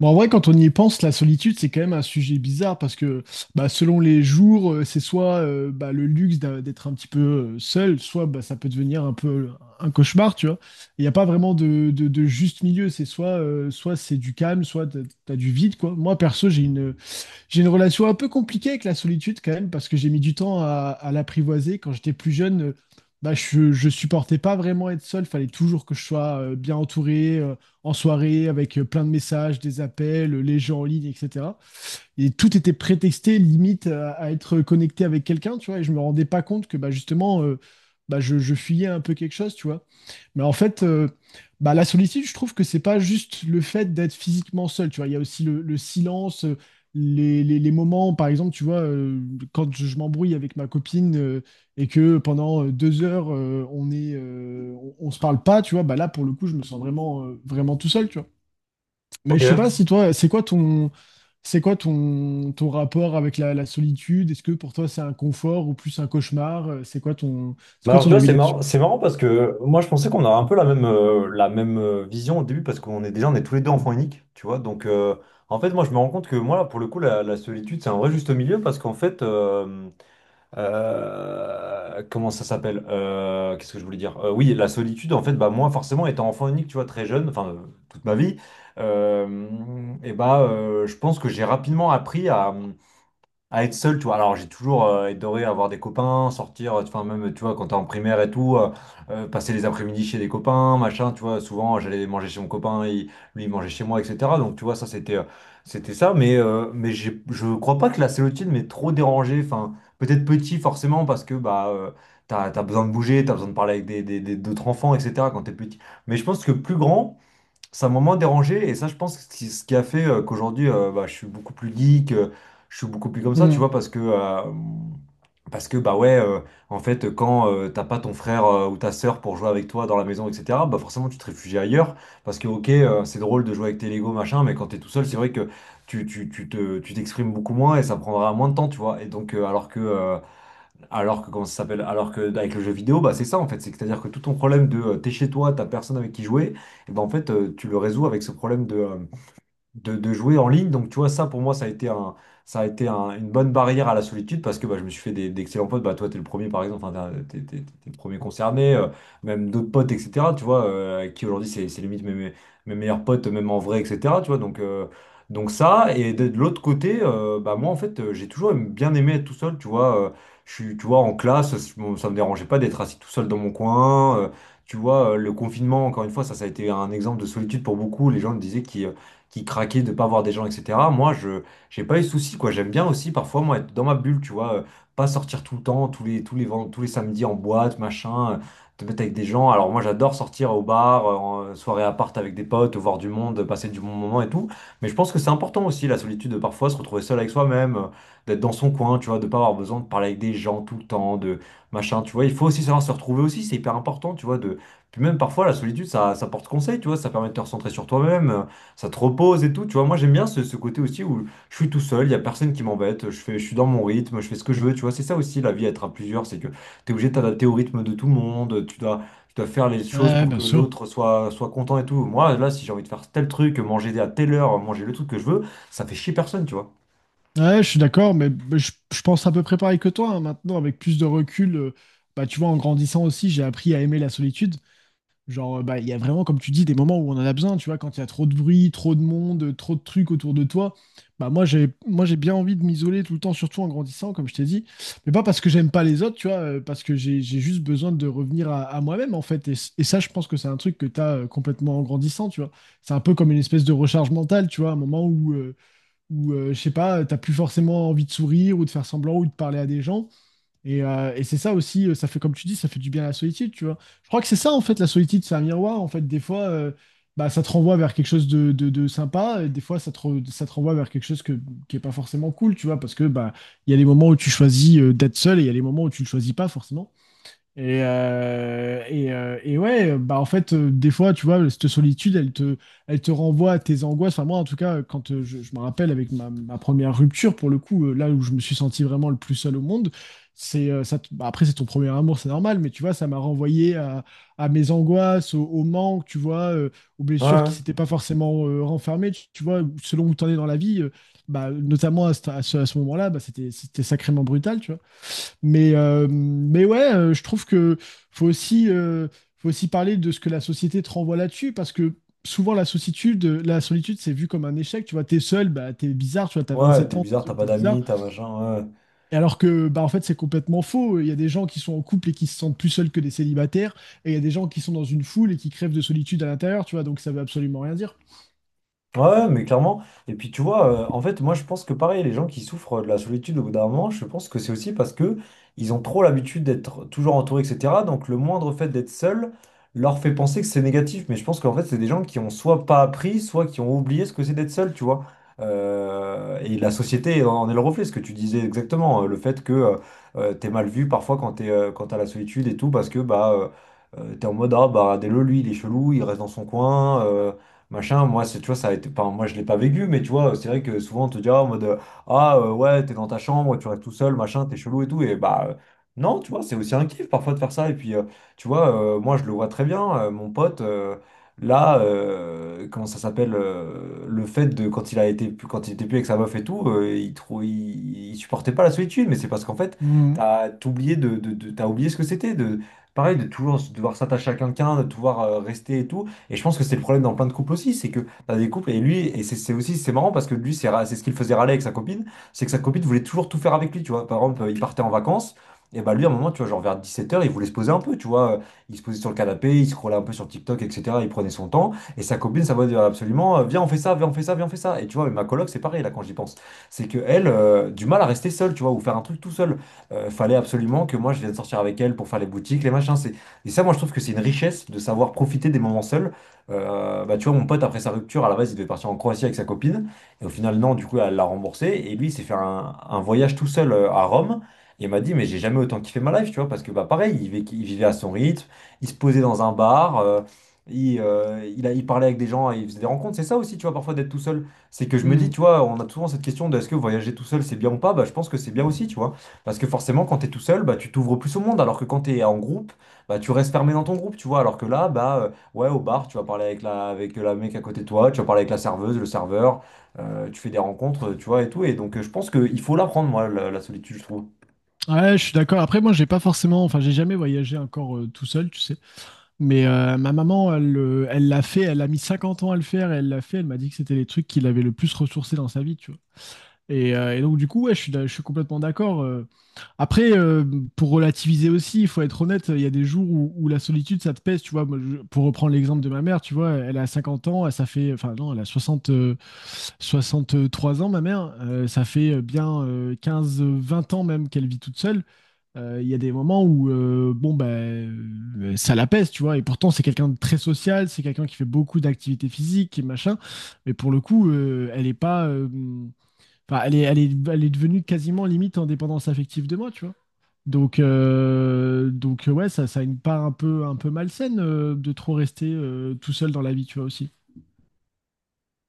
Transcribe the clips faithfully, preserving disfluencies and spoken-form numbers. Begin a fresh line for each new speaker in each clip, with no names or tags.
Bon, en vrai, quand on y pense, la solitude, c'est quand même un sujet bizarre parce que bah, selon les jours, euh, c'est soit euh, bah, le luxe d'a- d'être un petit peu euh, seul, soit bah, ça peut devenir un peu un cauchemar, tu vois. Il n'y a pas vraiment de, de- de juste milieu, c'est soit, euh, soit c'est du calme, soit t'as, t'as du vide, quoi. Moi, perso, j'ai une, j'ai une relation un peu compliquée avec la solitude quand même, parce que j'ai mis du temps à, à l'apprivoiser. Quand j'étais plus jeune, euh, bah, je, je supportais pas vraiment être seul. Fallait toujours que je sois euh, bien entouré, euh, en soirée, avec euh, plein de messages, des appels, euh, les gens en ligne, et cetera. Et tout était prétexté, limite, à, à être connecté avec quelqu'un, tu vois. Et je me rendais pas compte que bah, justement, euh, bah, je, je fuyais un peu quelque chose, tu vois. Mais en fait, euh, bah, la solitude, je trouve que c'est pas juste le fait d'être physiquement seul, tu vois. Il y a aussi le, le silence, euh, les, les- les moments, par exemple, tu vois, euh, quand je, je m'embrouille avec ma copine euh, et que pendant euh, deux heures, euh, on est, euh, on, on se parle pas, tu vois, bah là, pour le coup, je me sens vraiment, euh, vraiment tout seul, tu vois. Mais
Ok.
je sais pas si toi, c'est quoi ton, c'est quoi ton, ton rapport avec la, la solitude? Est-ce que pour toi, c'est un confort ou plus un cauchemar? Euh, C'est quoi ton, c'est
Mais
quoi
alors, tu
ton
vois,
avis
c'est
là-dessus?
marrant, c'est marrant parce que moi, je pensais qu'on a un peu la même, euh, la même euh, vision au début parce qu'on est déjà, on est tous les deux enfants uniques, tu vois. Donc, euh, en fait, moi, je me rends compte que moi, là, pour le coup, la, la solitude, c'est un vrai juste milieu parce qu'en fait, euh, euh, comment ça s'appelle? Euh, qu'est-ce que je voulais dire? Euh, oui, la solitude, en fait, bah, moi, forcément, étant enfant unique, tu vois, très jeune, enfin, euh, toute ma vie, euh, et bah, euh, je pense que j'ai rapidement appris à. à être seul, tu vois. Alors, j'ai toujours euh, adoré avoir des copains, sortir, euh, enfin, même, tu vois, quand t'es en primaire et tout, euh, euh, passer les après-midi chez des copains, machin, tu vois. Souvent, j'allais manger chez mon copain, il- lui, il mangeait chez moi, et cetera. Donc, tu vois, ça, c'était euh, c'était ça. Mais, euh, mais j'ai- je crois pas que la célotine m'ait trop dérangé. Enfin, peut-être petit, forcément, parce que, bah, euh, t'as, t'as besoin de bouger, t'as besoin de parler avec des, des- des- d'autres enfants, et cetera quand t'es petit. Mais je pense que plus grand ça m'a moins dérangé, et ça je pense ce qui ce qui a fait euh, qu'aujourd'hui euh, bah, je suis beaucoup plus geek, euh, je suis beaucoup plus comme ça tu
Mmh.
vois parce que euh, parce que bah ouais, euh, en fait quand euh, t'as pas ton frère euh, ou ta sœur pour jouer avec toi dans la maison etc, bah forcément tu te réfugies ailleurs parce que ok, euh, c'est drôle de jouer avec tes Lego machin, mais quand t'es tout seul c'est vrai que tu, tu, tu te, tu t'exprimes beaucoup moins et ça prendra moins de temps tu vois. Et donc euh, alors que euh, alors que, comment ça s'appelle? Alors que avec le jeu vidéo, bah, c'est ça en fait. C'est- C'est-à-dire que tout ton problème de euh, t'es chez toi, t'as personne avec qui jouer, et ben en fait, euh, tu le résous avec ce problème de euh, de, de jouer en ligne. Donc, tu vois, ça pour moi, ça a été un, ça a été un- une bonne barrière à la solitude parce que bah, je me suis fait des, d'excellents potes. Bah, toi, t'es le premier, par exemple, enfin, t'es, t'es- t'es- t'es le premier concerné, euh, même d'autres potes, et cetera. Tu vois, euh, avec qui aujourd'hui, c'est, c'est limite mes, mes, mes meilleurs potes, même en vrai, et cetera. Tu vois, donc, euh, donc ça. Et de, de l'autre côté, euh, bah, moi, en fait, euh, j'ai toujours aimé- bien aimé être tout seul, tu vois. Euh, je suis, tu vois, en classe, je m'en- ça me dérangeait pas d'être assis tout seul dans mon coin. Euh, tu vois, euh, le confinement, encore une fois, ça, ça a été un exemple de solitude pour beaucoup. Les gens disaient qu'ils qui craquaient de pas voir des gens, et cetera. Moi, je j'ai pas eu de soucis, quoi. J'aime bien aussi parfois, moi, être dans ma bulle, tu vois, euh, pas sortir tout le temps, tous les, tous les, ven- tous les samedis en boîte, machin, euh, te mettre avec des gens. Alors moi, j'adore sortir au bar, euh, en soirée à part avec des potes, voir du monde, passer du bon moment et tout. Mais je pense que c'est important aussi, la solitude, de parfois se retrouver seul avec soi-même, euh, d'être dans son coin, tu vois, de pas avoir besoin de parler avec des gens tout le temps, de machin, tu vois. Il faut aussi savoir se retrouver aussi, c'est hyper important, tu vois. De... Puis même parfois, la solitude, ça, ça porte conseil, tu vois, ça permet de te recentrer sur toi-même. Euh, ça te repose et tout. Tu vois, moi j'aime bien ce, ce côté aussi où je suis tout seul, il n'y a personne qui m'embête, je fais, je suis dans mon rythme, je fais ce que je veux. Tu vois, c'est ça aussi la vie, être à plusieurs, c'est que tu es obligé de t'adapter au rythme de tout le monde, tu dois, tu dois faire les choses
Ouais,
pour
bien
que
sûr.
l'autre soit, soit content et tout. Moi, là, si j'ai envie de faire tel truc, manger à telle heure, manger le truc que je veux, ça fait chier personne, tu vois.
Ouais, je suis d'accord, mais mais je, je pense à peu près pareil que toi, hein. Maintenant, avec plus de recul, euh, bah, tu vois, en grandissant aussi, j'ai appris à aimer la solitude. Genre, euh, bah, il y a vraiment, comme tu dis, des moments où on en a besoin. Tu vois, quand il y a trop de bruit, trop de monde, euh, trop de trucs autour de toi, bah, moi, j'ai, moi, j'ai bien envie de m'isoler tout le temps, surtout en grandissant, comme je t'ai dit. Mais pas parce que j'aime pas les autres, tu vois, euh, parce que j'ai, j'ai juste besoin de revenir à, à moi-même, en fait. Et, c- et ça, je pense que c'est un truc que t'as as complètement en grandissant, tu vois. C'est un peu comme une espèce de recharge mentale, tu vois, un moment où. euh, où, euh, je sais pas, t'as plus forcément envie de sourire ou de faire semblant ou de parler à des gens. Et, euh, et c'est ça aussi, euh, ça fait, comme tu dis, ça fait du bien à la solitude, tu vois. Je crois que c'est ça, en fait, la solitude, c'est un miroir. En fait, des fois, euh, bah, ça te renvoie vers quelque chose de, de- de sympa, et des fois, ça te, re- ça te renvoie vers quelque chose que, qui est pas forcément cool, tu vois, parce que bah, il y a les moments où tu choisis euh, d'être seul et il y a les moments où tu le choisis pas, forcément. Et, euh, et, euh, et ouais, euh, bah en fait, euh, des fois, tu vois, cette solitude, elle te, elle te renvoie à tes angoisses. Enfin, moi, en tout cas, euh, quand euh, je, je me rappelle avec ma, ma première rupture, pour le coup, euh, là où je me suis senti vraiment le plus seul au monde, c'est euh, ça. te- bah, après, c'est ton premier amour, c'est normal, mais tu vois, ça m'a renvoyé à, à mes angoisses, au, au manque, tu vois, euh, aux blessures qui
Ouais,
s'étaient pas forcément euh, renfermées. Tu, tu vois, selon où tu en es dans la vie, euh, bah, notamment à, ce, à ce à ce moment-là, bah, c'était, c'était sacrément brutal, tu vois. Mais, euh, mais ouais, euh, je trouve que faut aussi, euh, faut aussi parler de ce que la société te renvoie là-dessus, parce que souvent la solitude, la solitude, c'est vu comme un échec. Tu vois, t'es seul, bah t'es bizarre, tu vois, t'as vingt
ouais,
sept
t'es
ans, t'es
bizarre, t'as
seul,
pas
t'es bizarre.
d'amis, t'as machin, ouais.
Et alors que, bah en fait, c'est complètement faux. Il y a des gens qui sont en couple et qui se sentent plus seuls que des célibataires, et il y a des gens qui sont dans une foule et qui crèvent de solitude à l'intérieur, tu vois, donc ça veut absolument rien dire.
Ouais, mais clairement. Et puis tu vois, euh, en fait, moi je pense que pareil, les gens qui souffrent euh, de la solitude au bout d'un moment, je pense que c'est aussi parce que ils ont trop l'habitude d'être toujours entourés, et cetera. Donc le moindre fait d'être seul leur fait penser que c'est négatif. Mais je pense qu'en fait, c'est des gens qui ont soit pas appris, soit qui ont oublié ce que c'est d'être seul, tu vois. Euh, et la société en est le reflet, ce que tu disais exactement, euh, le fait que, euh, euh, t'es mal vu parfois quand t'es, euh, quand t'as la solitude et tout, parce que bah, euh, euh, t'es en mode ah bah dès le lui, il est chelou, il reste dans son coin. euh, machin. Moi, c'est, tu vois, ça a été, enfin, moi, je l'ai pas vécu, mais tu vois, c'est vrai que souvent, on te dira en mode, euh, ah, euh, ouais, t'es dans ta chambre, tu restes tout seul, machin, t'es chelou et tout. Et bah, euh, non, tu vois, c'est aussi un kiff parfois de faire ça. Et puis, euh, tu vois, euh, moi, je le vois très bien, euh, mon pote, euh, là, euh, comment ça s'appelle, euh, le fait de, quand il a été, quand il était plus avec sa meuf et tout, euh, il, trou- il, il supportait pas la solitude, mais c'est parce qu'en fait,
Mm.
t'as oublié de, de, de- t'as oublié ce que c'était, de, pareil, de toujours devoir s'attacher à quelqu'un, de devoir euh, rester et tout. Et je pense que c'est le problème dans plein de couples aussi, c'est que t'as des couples et lui, et c'est c'est aussi, c'est marrant parce que lui, c'est ra- c'est ce qu'il faisait râler avec sa copine, c'est que sa copine voulait toujours tout faire avec lui, tu vois. Par exemple, il partait en vacances, et bah lui, à un moment, tu vois, genre vers dix-sept heures, il voulait se poser un peu, tu vois. Il se posait sur le canapé, il scrollait un peu sur TikTok, et cetera. Il prenait son temps, et sa copine, ça va dire absolument, euh, viens, on fait ça, viens, on fait ça, viens, on fait ça. Et tu vois, mais ma coloc, c'est pareil là quand j'y pense. C'est que elle, euh, du mal à rester seule, tu vois, ou faire un truc tout seul. Euh, fallait absolument que moi, je vienne sortir avec elle pour faire les boutiques, les machins. c'est- Et ça, moi, je trouve que c'est une richesse de savoir profiter des moments seuls. Euh, bah, tu vois, mon pote, après sa rupture, à la base, il devait partir en Croatie avec sa copine. Et au final, non, du coup, elle l'a remboursé. Et lui, il s'est fait un, un voyage tout seul, euh, à Rome. Et il m'a dit, mais j'ai jamais autant kiffé ma life, tu vois, parce que, bah, pareil, il vivait, il vivait à son rythme, il se posait dans un bar, euh, il, euh, il, a- il parlait avec des gens, il faisait des rencontres. C'est ça aussi, tu vois, parfois d'être tout seul. C'est que je me dis,
Mm.
tu vois, on a souvent cette question de est-ce que voyager tout seul, c'est bien ou pas? Bah, je pense que c'est bien aussi, tu vois. Parce que forcément, quand t'es tout seul, bah, tu t'ouvres plus au monde, alors que quand t'es en groupe, bah, tu restes fermé dans ton groupe, tu vois. Alors que là, bah. Ouais, au bar, tu vas parler avec la, avec la mec à côté de toi, tu vas parler avec la serveuse, le serveur, euh, tu fais des rencontres, tu vois, et tout. Et donc, euh, je pense qu'il faut l'apprendre, moi, la, la solitude, je trouve.
Ouais, je suis d'accord. Après, moi, j'ai pas forcément, enfin, j'ai jamais voyagé encore euh, tout seul, tu sais. Mais euh, ma maman, elle, le- elle l'a fait, elle a mis cinquante ans à le faire, et elle l'a fait, elle m'a dit que c'était les trucs qui l'avaient le plus ressourcé dans sa vie, tu vois. Et, euh, et donc du coup, ouais, je suis, je suis complètement d'accord. euh. Après, euh, pour relativiser aussi, il faut être honnête, il y a des jours où, où la solitude, ça te pèse, tu vois. Moi, je- pour reprendre l'exemple de ma mère, tu vois, elle a cinquante ans, elle, ça fait, enfin non, elle a soixante euh, trois ans, ma mère. Euh, ça fait euh, bien euh, quinze vingt ans même qu'elle vit toute seule. Euh, Il y a des moments où euh, bon ben euh, ça la pèse, tu vois, et pourtant c'est quelqu'un de très social, c'est quelqu'un qui fait beaucoup d'activités physiques et machin, mais pour le coup, euh, elle est pas, euh, enfin elle est, elle est, elle est devenue quasiment limite en dépendance affective de moi, tu vois. Donc euh, donc euh, ouais, ça, ça a une part un peu un peu malsaine euh, de trop rester euh, tout seul dans la vie, tu vois aussi.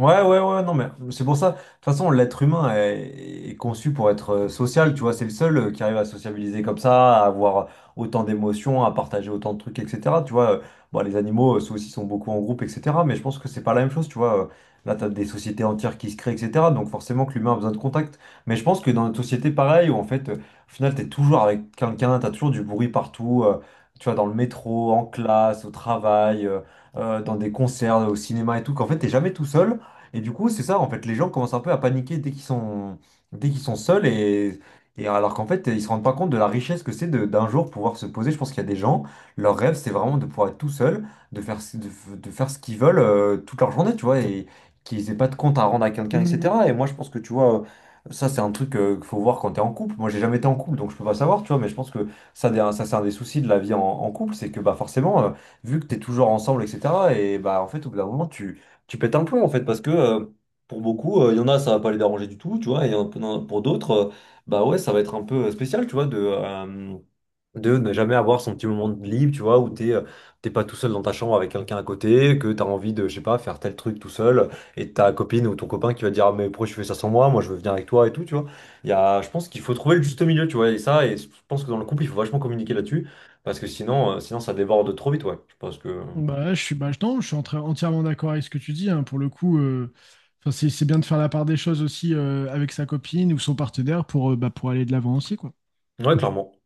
Ouais, ouais, ouais, non, mais c'est pour ça. De toute façon, l'être humain est, est conçu pour être euh, social, tu vois, c'est le seul euh, qui arrive à sociabiliser comme ça, à avoir autant d'émotions, à partager autant de trucs, et cetera. Tu vois, euh, bon, les animaux, euh, ceux aussi sont beaucoup en groupe, et cetera. Mais je pense que c'est pas la même chose, tu vois. euh, Là, t'as des sociétés entières qui se créent, et cetera. Donc forcément que l'humain a besoin de contact. Mais je pense que dans notre société, pareil, où en fait, euh, au final, t'es toujours avec quelqu'un, t'as toujours du bruit partout, euh, tu vois, dans le métro, en classe, au travail, euh, euh, dans des concerts, au cinéma et tout, qu'en fait, t'es jamais tout seul. Et du coup, c'est ça, en fait, les gens commencent un peu à paniquer dès qu'ils sont, dès qu'ils sont seuls, et, et alors qu'en fait, ils se rendent pas compte de la richesse que c'est de- d'un jour pouvoir se poser. Je pense qu'il y a des gens, leur rêve, c'est vraiment de pouvoir être tout seul, de faire, ce- de, f- de faire ce qu'ils veulent euh, toute leur journée, tu vois, et qu'ils aient pas de compte à rendre à quelqu'un, et cetera. Et moi, je pense que, tu vois, euh, ça, c'est un truc euh, qu'il faut voir quand t'es en couple. Moi, j'ai jamais été en couple, donc je peux pas savoir, tu vois, mais je pense que ça, des- ça c'est un des soucis de la vie en, en couple, c'est que, bah, forcément, euh, vu que t'es toujours ensemble, et cetera, et bah, en fait, au bout d'un moment, tu tu pètes un plomb en fait parce que, euh, pour beaucoup, euh, il y en a ça va pas les déranger du tout tu vois, et il y en a- pour d'autres, euh, bah ouais ça va être un peu, euh, spécial tu vois de euh, de ne jamais avoir son petit moment de libre, tu vois, où t'es euh, t'es pas tout seul dans ta chambre avec quelqu'un à côté, que t'as envie de je sais pas faire tel truc tout seul, et ta copine ou ton copain qui va te dire ah, mais pourquoi tu fais ça sans moi, moi je veux venir avec toi et tout, tu vois. Il y a, je pense qu'il faut trouver le juste milieu, tu vois, et ça, et je pense que dans le couple il faut vachement communiquer là-dessus, parce que sinon euh, sinon ça déborde trop vite. Ouais je pense que.
Bah, je suis, bah, je- non, je suis en entièrement d'accord avec ce que tu dis. hein. Pour le coup, euh, enfin, c'est c'est bien de faire la part des choses aussi euh, avec sa copine ou son partenaire pour, euh, bah, pour aller de l'avant aussi, quoi.
Ouais clairement.